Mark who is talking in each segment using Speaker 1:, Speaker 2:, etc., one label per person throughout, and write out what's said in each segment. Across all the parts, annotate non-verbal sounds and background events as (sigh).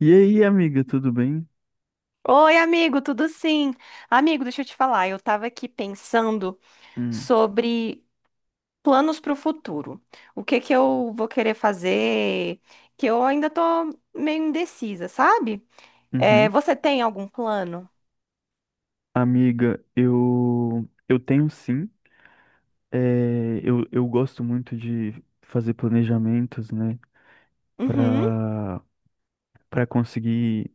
Speaker 1: E aí, amiga, tudo bem?
Speaker 2: Oi, amigo, tudo sim? Amigo, deixa eu te falar, eu tava aqui pensando
Speaker 1: Hum,
Speaker 2: sobre planos para o futuro. O que que eu vou querer fazer, que eu ainda tô meio indecisa, sabe? É,
Speaker 1: uhum.
Speaker 2: você tem algum plano?
Speaker 1: Amiga, eu tenho sim. É, eu gosto muito de fazer planejamentos, né?
Speaker 2: Uhum.
Speaker 1: Para para conseguir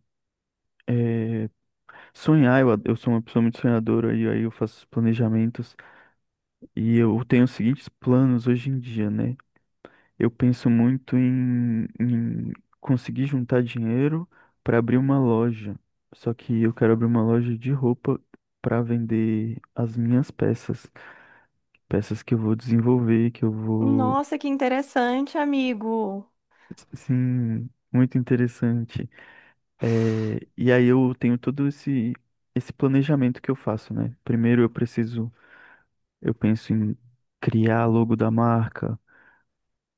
Speaker 1: é, sonhar. Eu sou uma pessoa muito sonhadora e aí eu faço planejamentos. E eu tenho os seguintes planos hoje em dia, né? Eu penso muito em conseguir juntar dinheiro para abrir uma loja. Só que eu quero abrir uma loja de roupa para vender as minhas peças. Peças que eu vou desenvolver, que eu vou.
Speaker 2: Nossa, que interessante, amigo.
Speaker 1: Sim, muito interessante. E aí eu tenho todo esse planejamento que eu faço, né? Eu penso em criar a logo da marca,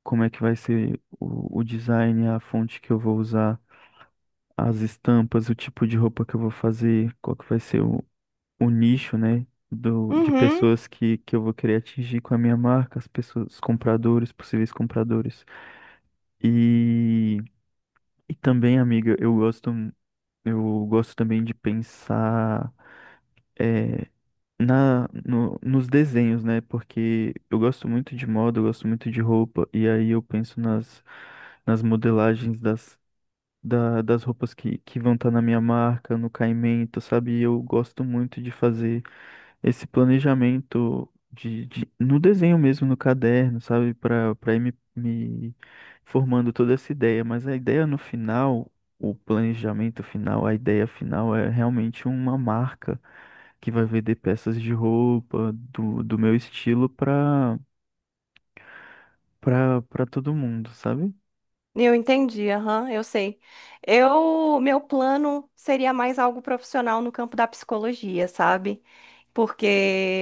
Speaker 1: como é que vai ser o design, a fonte que eu vou usar. As estampas, o tipo de roupa que eu vou fazer, qual que vai ser o nicho, né, de
Speaker 2: Uhum.
Speaker 1: pessoas que eu vou querer atingir com a minha marca, as pessoas, os compradores, possíveis compradores. E, e também, amiga, eu gosto também de pensar eh, na, no- nos desenhos, né? Porque eu gosto muito de moda, eu gosto muito de roupa, e aí eu penso nas modelagens das roupas que vão estar na minha marca, no caimento, sabe? E eu gosto muito de fazer esse planejamento no desenho mesmo, no caderno, sabe? Para ir me formando toda essa ideia. Mas a ideia no final, o planejamento final, a ideia final é realmente uma marca que vai vender peças de roupa do meu estilo para para todo mundo, sabe?
Speaker 2: Eu entendi, aham, eu sei. Eu, meu plano seria mais algo profissional no campo da psicologia, sabe? Porque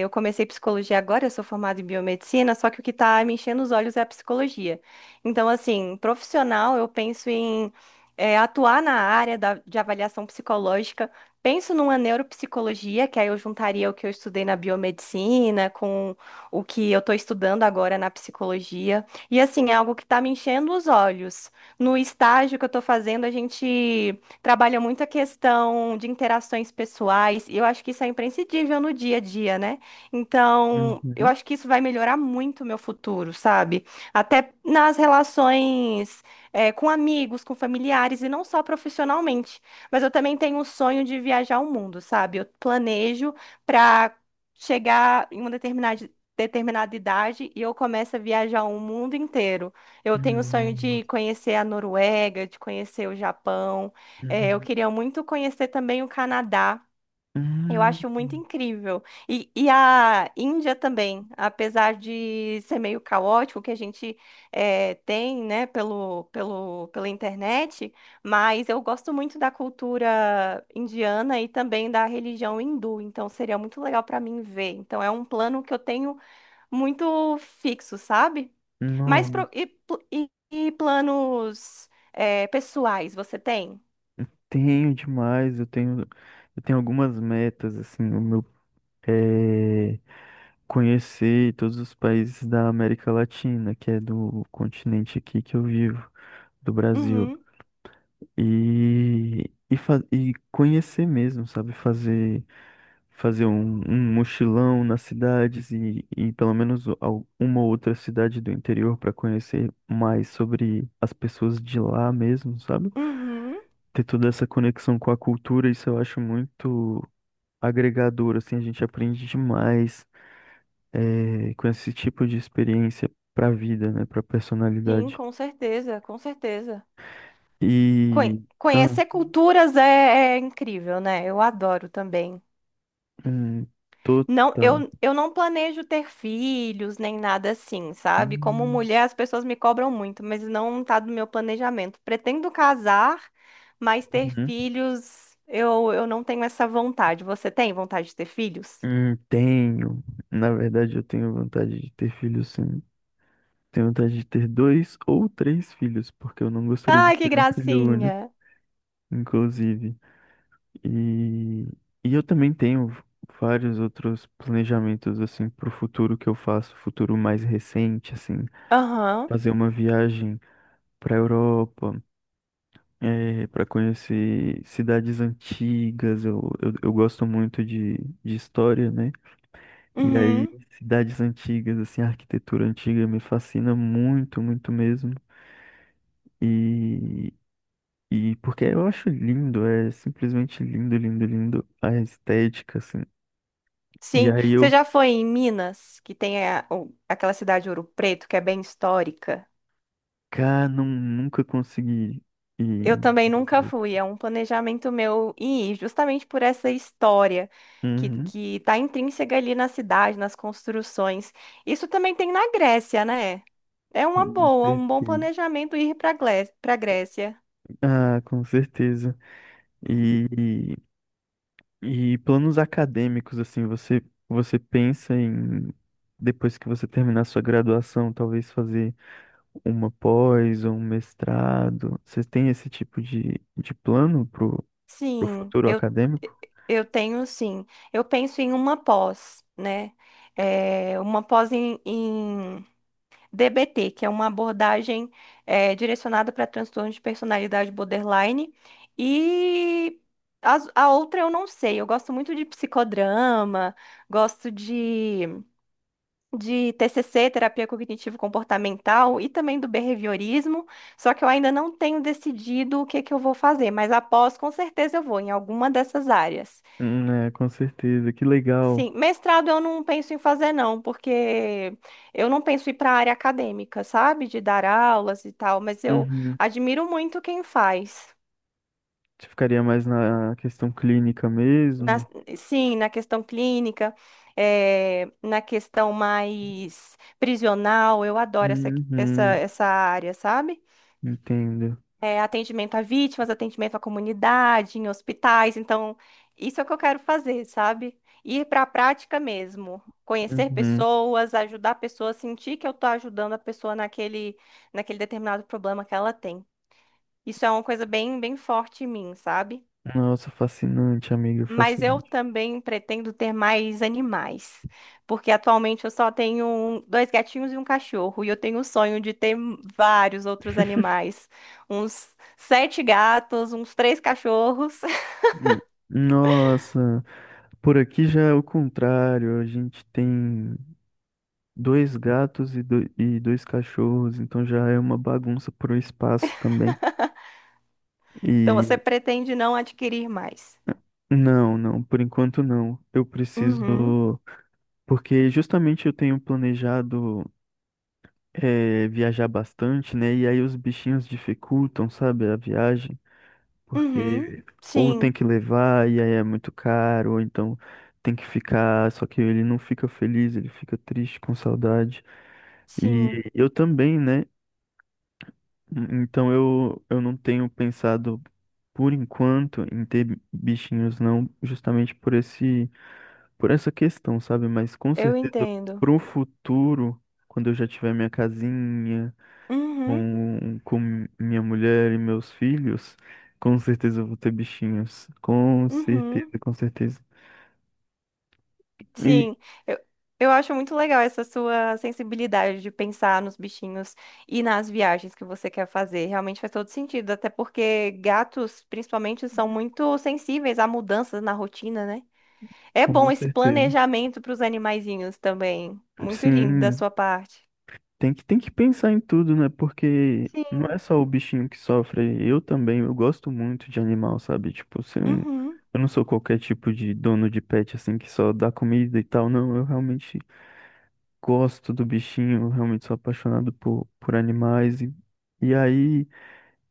Speaker 2: eu comecei psicologia agora, eu sou formada em biomedicina, só que o que está me enchendo os olhos é a psicologia. Então, assim, profissional, eu penso em atuar na área de avaliação psicológica, penso numa neuropsicologia, que aí eu juntaria o que eu estudei na biomedicina com o que eu estou estudando agora na psicologia. E, assim, é algo que está me enchendo os olhos. No estágio que eu estou fazendo, a gente. Trabalha muito a questão de interações pessoais, e eu acho que isso é imprescindível no dia a dia, né? Então, eu
Speaker 1: Uhum.
Speaker 2: acho que isso vai melhorar muito o meu futuro, sabe? Até nas relações, com amigos, com familiares, e não só profissionalmente. Mas eu também tenho um sonho de viajar o mundo, sabe? Eu planejo para chegar em uma determinada. Determinada idade e eu começo a viajar o mundo inteiro. Eu tenho o
Speaker 1: Hum,
Speaker 2: sonho
Speaker 1: hum,
Speaker 2: de conhecer a Noruega, de conhecer o Japão. É, eu
Speaker 1: hum.
Speaker 2: queria muito conhecer também o Canadá. Eu
Speaker 1: Hum.
Speaker 2: acho muito
Speaker 1: Hum.
Speaker 2: incrível. E a Índia também, apesar de ser meio caótico, que a gente tem, né, pela internet, mas eu gosto muito da cultura indiana e também da religião hindu, então seria muito legal para mim ver. Então é um plano que eu tenho muito fixo, sabe? Mas
Speaker 1: Não,
Speaker 2: e planos pessoais você tem?
Speaker 1: tenho demais, eu tenho algumas metas, assim, o meu é conhecer todos os países da América Latina, que é do continente aqui que eu vivo, do Brasil,
Speaker 2: Uhum.
Speaker 1: e, e conhecer mesmo, sabe, fazer um mochilão nas cidades e pelo menos uma ou outra cidade do interior para conhecer mais sobre as pessoas de lá mesmo, sabe?
Speaker 2: Uhum,
Speaker 1: Ter toda essa conexão com a cultura, isso eu acho muito agregador, assim, a gente aprende demais com esse tipo de experiência para a vida, né, para a
Speaker 2: sim,
Speaker 1: personalidade.
Speaker 2: com certeza, com certeza.
Speaker 1: E ah,
Speaker 2: Conhecer culturas é, é incrível, né? Eu adoro também.
Speaker 1: hum,
Speaker 2: Não,
Speaker 1: total.
Speaker 2: eu não planejo ter filhos nem nada assim, sabe? Como
Speaker 1: Hum,
Speaker 2: mulher, as pessoas me cobram muito, mas não tá do meu planejamento. Pretendo casar, mas ter
Speaker 1: uhum.
Speaker 2: filhos, eu não tenho essa vontade. Você tem vontade de ter filhos?
Speaker 1: Tenho, na verdade, eu tenho vontade de ter filhos, sim. Tenho vontade de ter dois ou três filhos, porque eu não gostaria de
Speaker 2: Ai, que
Speaker 1: ter um filho único,
Speaker 2: gracinha.
Speaker 1: inclusive. E, e eu também tenho vários outros planejamentos assim para o futuro que eu faço, futuro mais recente, assim,
Speaker 2: Aham.
Speaker 1: fazer uma viagem para a Europa, para conhecer cidades antigas. Eu gosto muito de história, né? E aí,
Speaker 2: Uhum.
Speaker 1: cidades antigas, assim, a arquitetura antiga me fascina muito, muito mesmo. E, e porque eu acho lindo, é simplesmente lindo, lindo, lindo a estética, assim. E
Speaker 2: Sim,
Speaker 1: aí
Speaker 2: você
Speaker 1: eu
Speaker 2: já foi em Minas, que tem aquela cidade Ouro Preto, que é bem histórica?
Speaker 1: Cara, não, nunca consegui ir em
Speaker 2: Eu também
Speaker 1: Rio
Speaker 2: nunca
Speaker 1: Preto.
Speaker 2: fui, é um planejamento meu ir, justamente por essa história
Speaker 1: Uhum,
Speaker 2: que tá intrínseca ali na cidade, nas construções. Isso também tem na Grécia, né? É uma
Speaker 1: com
Speaker 2: boa, um bom
Speaker 1: certeza.
Speaker 2: planejamento ir para Grécia.
Speaker 1: Ah, com certeza. E, e planos acadêmicos, assim, você pensa em, depois que você terminar sua graduação, talvez fazer uma pós ou um mestrado? Vocês têm esse tipo de plano pro, pro
Speaker 2: Sim,
Speaker 1: futuro acadêmico?
Speaker 2: eu tenho sim. Eu penso em uma pós, né? É, uma pós em DBT, que é uma abordagem direcionada para transtorno de personalidade borderline. E outra eu não sei. Eu gosto muito de psicodrama, gosto de TCC, terapia cognitivo-comportamental, e também do behaviorismo. Só que eu ainda não tenho decidido o que que eu vou fazer, mas após, com certeza eu vou em alguma dessas áreas.
Speaker 1: É, com certeza. Que legal.
Speaker 2: Sim, mestrado eu não penso em fazer, não, porque eu não penso em ir para a área acadêmica, sabe? De dar aulas e tal, mas eu
Speaker 1: Uhum.
Speaker 2: admiro muito quem faz.
Speaker 1: Você ficaria mais na questão clínica
Speaker 2: Na-
Speaker 1: mesmo?
Speaker 2: sim, na questão clínica, na questão mais prisional, eu adoro
Speaker 1: Uhum.
Speaker 2: essa área, sabe?
Speaker 1: Entendo.
Speaker 2: É, atendimento a vítimas, atendimento à comunidade, em hospitais. Então, isso é o que eu quero fazer, sabe? Ir para a prática mesmo. Conhecer
Speaker 1: Uhum.
Speaker 2: pessoas, ajudar a pessoa, sentir que eu estou ajudando a pessoa naquele determinado problema que ela tem. Isso é uma coisa bem, bem forte em mim, sabe?
Speaker 1: Nossa, fascinante, amigo,
Speaker 2: Mas eu
Speaker 1: fascinante.
Speaker 2: também pretendo ter mais animais, porque atualmente eu só tenho dois gatinhos e um cachorro, e eu tenho o sonho de ter vários outros animais, uns sete gatos, uns três cachorros. (laughs)
Speaker 1: Hum. Nossa, por aqui já é o contrário. A gente tem dois gatos e dois cachorros, então já é uma bagunça pro espaço também.
Speaker 2: Então você
Speaker 1: E
Speaker 2: pretende não adquirir mais?
Speaker 1: não, não, por enquanto não. Eu
Speaker 2: Uhum,
Speaker 1: preciso, porque justamente eu tenho planejado viajar bastante, né? E aí os bichinhos dificultam, sabe, a viagem.
Speaker 2: uhum,
Speaker 1: Porque ou tem
Speaker 2: sim,
Speaker 1: que levar e aí é muito caro, ou então tem que ficar, só que ele não fica feliz, ele fica triste, com saudade. E
Speaker 2: sim,
Speaker 1: eu também, né? Então eu não tenho pensado por enquanto em ter bichinhos, não, justamente por por essa questão, sabe? Mas com
Speaker 2: eu
Speaker 1: certeza
Speaker 2: entendo.
Speaker 1: pro futuro, quando eu já tiver minha casinha,
Speaker 2: Uhum,
Speaker 1: com minha mulher e meus filhos, com certeza eu vou ter bichinhos. Com certeza,
Speaker 2: uhum.
Speaker 1: com certeza. E
Speaker 2: Sim, eu, eu acho muito legal essa sua sensibilidade de pensar nos bichinhos e nas viagens que você quer fazer. Realmente faz todo sentido, até porque gatos, principalmente, são muito sensíveis a mudanças na rotina, né? É
Speaker 1: com
Speaker 2: bom esse
Speaker 1: certeza.
Speaker 2: planejamento para os animaizinhos também. Muito lindo da
Speaker 1: Sim,
Speaker 2: sua parte.
Speaker 1: tem que pensar em tudo, né? Porque
Speaker 2: Sim.
Speaker 1: não é só o bichinho que sofre, eu também, eu gosto muito de animal, sabe? Tipo, se eu, não-
Speaker 2: Uhum,
Speaker 1: eu não sou qualquer tipo de dono de pet, assim, que só dá comida e tal, não, eu realmente gosto do bichinho, eu realmente sou apaixonado por animais. E aí.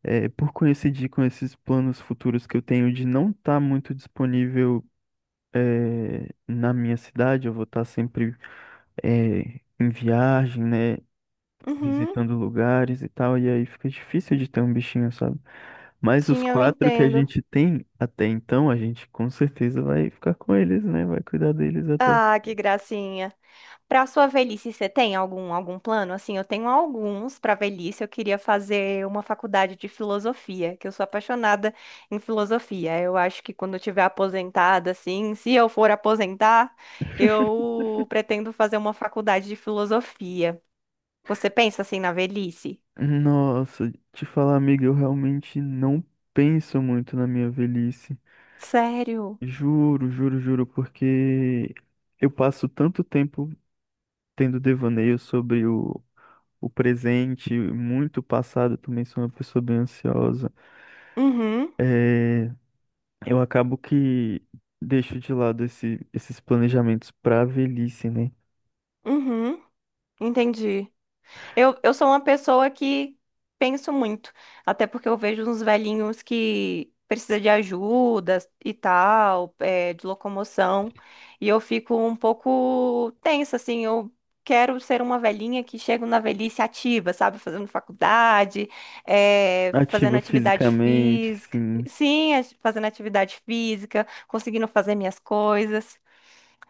Speaker 1: É, por coincidir com esses planos futuros que eu tenho de não estar muito disponível na minha cidade, eu vou estar sempre em viagem, né,
Speaker 2: uhum.
Speaker 1: visitando lugares e tal, e aí fica difícil de ter um bichinho, sabe? Mas os
Speaker 2: Sim, eu
Speaker 1: quatro que a
Speaker 2: entendo.
Speaker 1: gente tem até então, a gente com certeza vai ficar com eles, né? Vai cuidar deles até o...
Speaker 2: Ah, que gracinha. Para sua velhice, você tem algum algum plano? Assim, eu tenho alguns para velhice. Eu queria fazer uma faculdade de filosofia, que eu sou apaixonada em filosofia. Eu acho que quando eu tiver aposentada, assim, (laughs) se eu for aposentar, eu pretendo fazer uma faculdade de filosofia. Você pensa assim na velhice?
Speaker 1: Nossa, te falar, amiga, eu realmente não penso muito na minha velhice.
Speaker 2: Sério?
Speaker 1: Juro, juro, juro, porque eu passo tanto tempo tendo devaneio sobre o presente, muito passado, eu também sou uma pessoa bem ansiosa.
Speaker 2: Uhum,
Speaker 1: É, eu acabo que deixo de lado esses planejamentos para a velhice, né?
Speaker 2: uhum, entendi. Eu sou uma pessoa que penso muito, até porque eu vejo uns velhinhos que precisa de ajuda e tal, é, de locomoção, e eu fico um pouco tensa, assim, eu quero ser uma velhinha que chega na velhice ativa, sabe, fazendo faculdade, é, fazendo
Speaker 1: Ativa
Speaker 2: atividade
Speaker 1: fisicamente,
Speaker 2: física,
Speaker 1: sim.
Speaker 2: sim, fazendo atividade física, conseguindo fazer minhas coisas.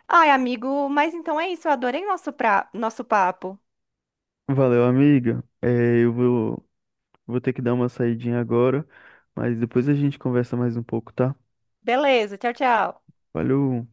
Speaker 2: Ai, amigo, mas então é isso, eu adorei nosso papo.
Speaker 1: Valeu, amiga. Vou ter que dar uma saidinha agora, mas depois a gente conversa mais um pouco, tá?
Speaker 2: Beleza, tchau, tchau.
Speaker 1: Valeu.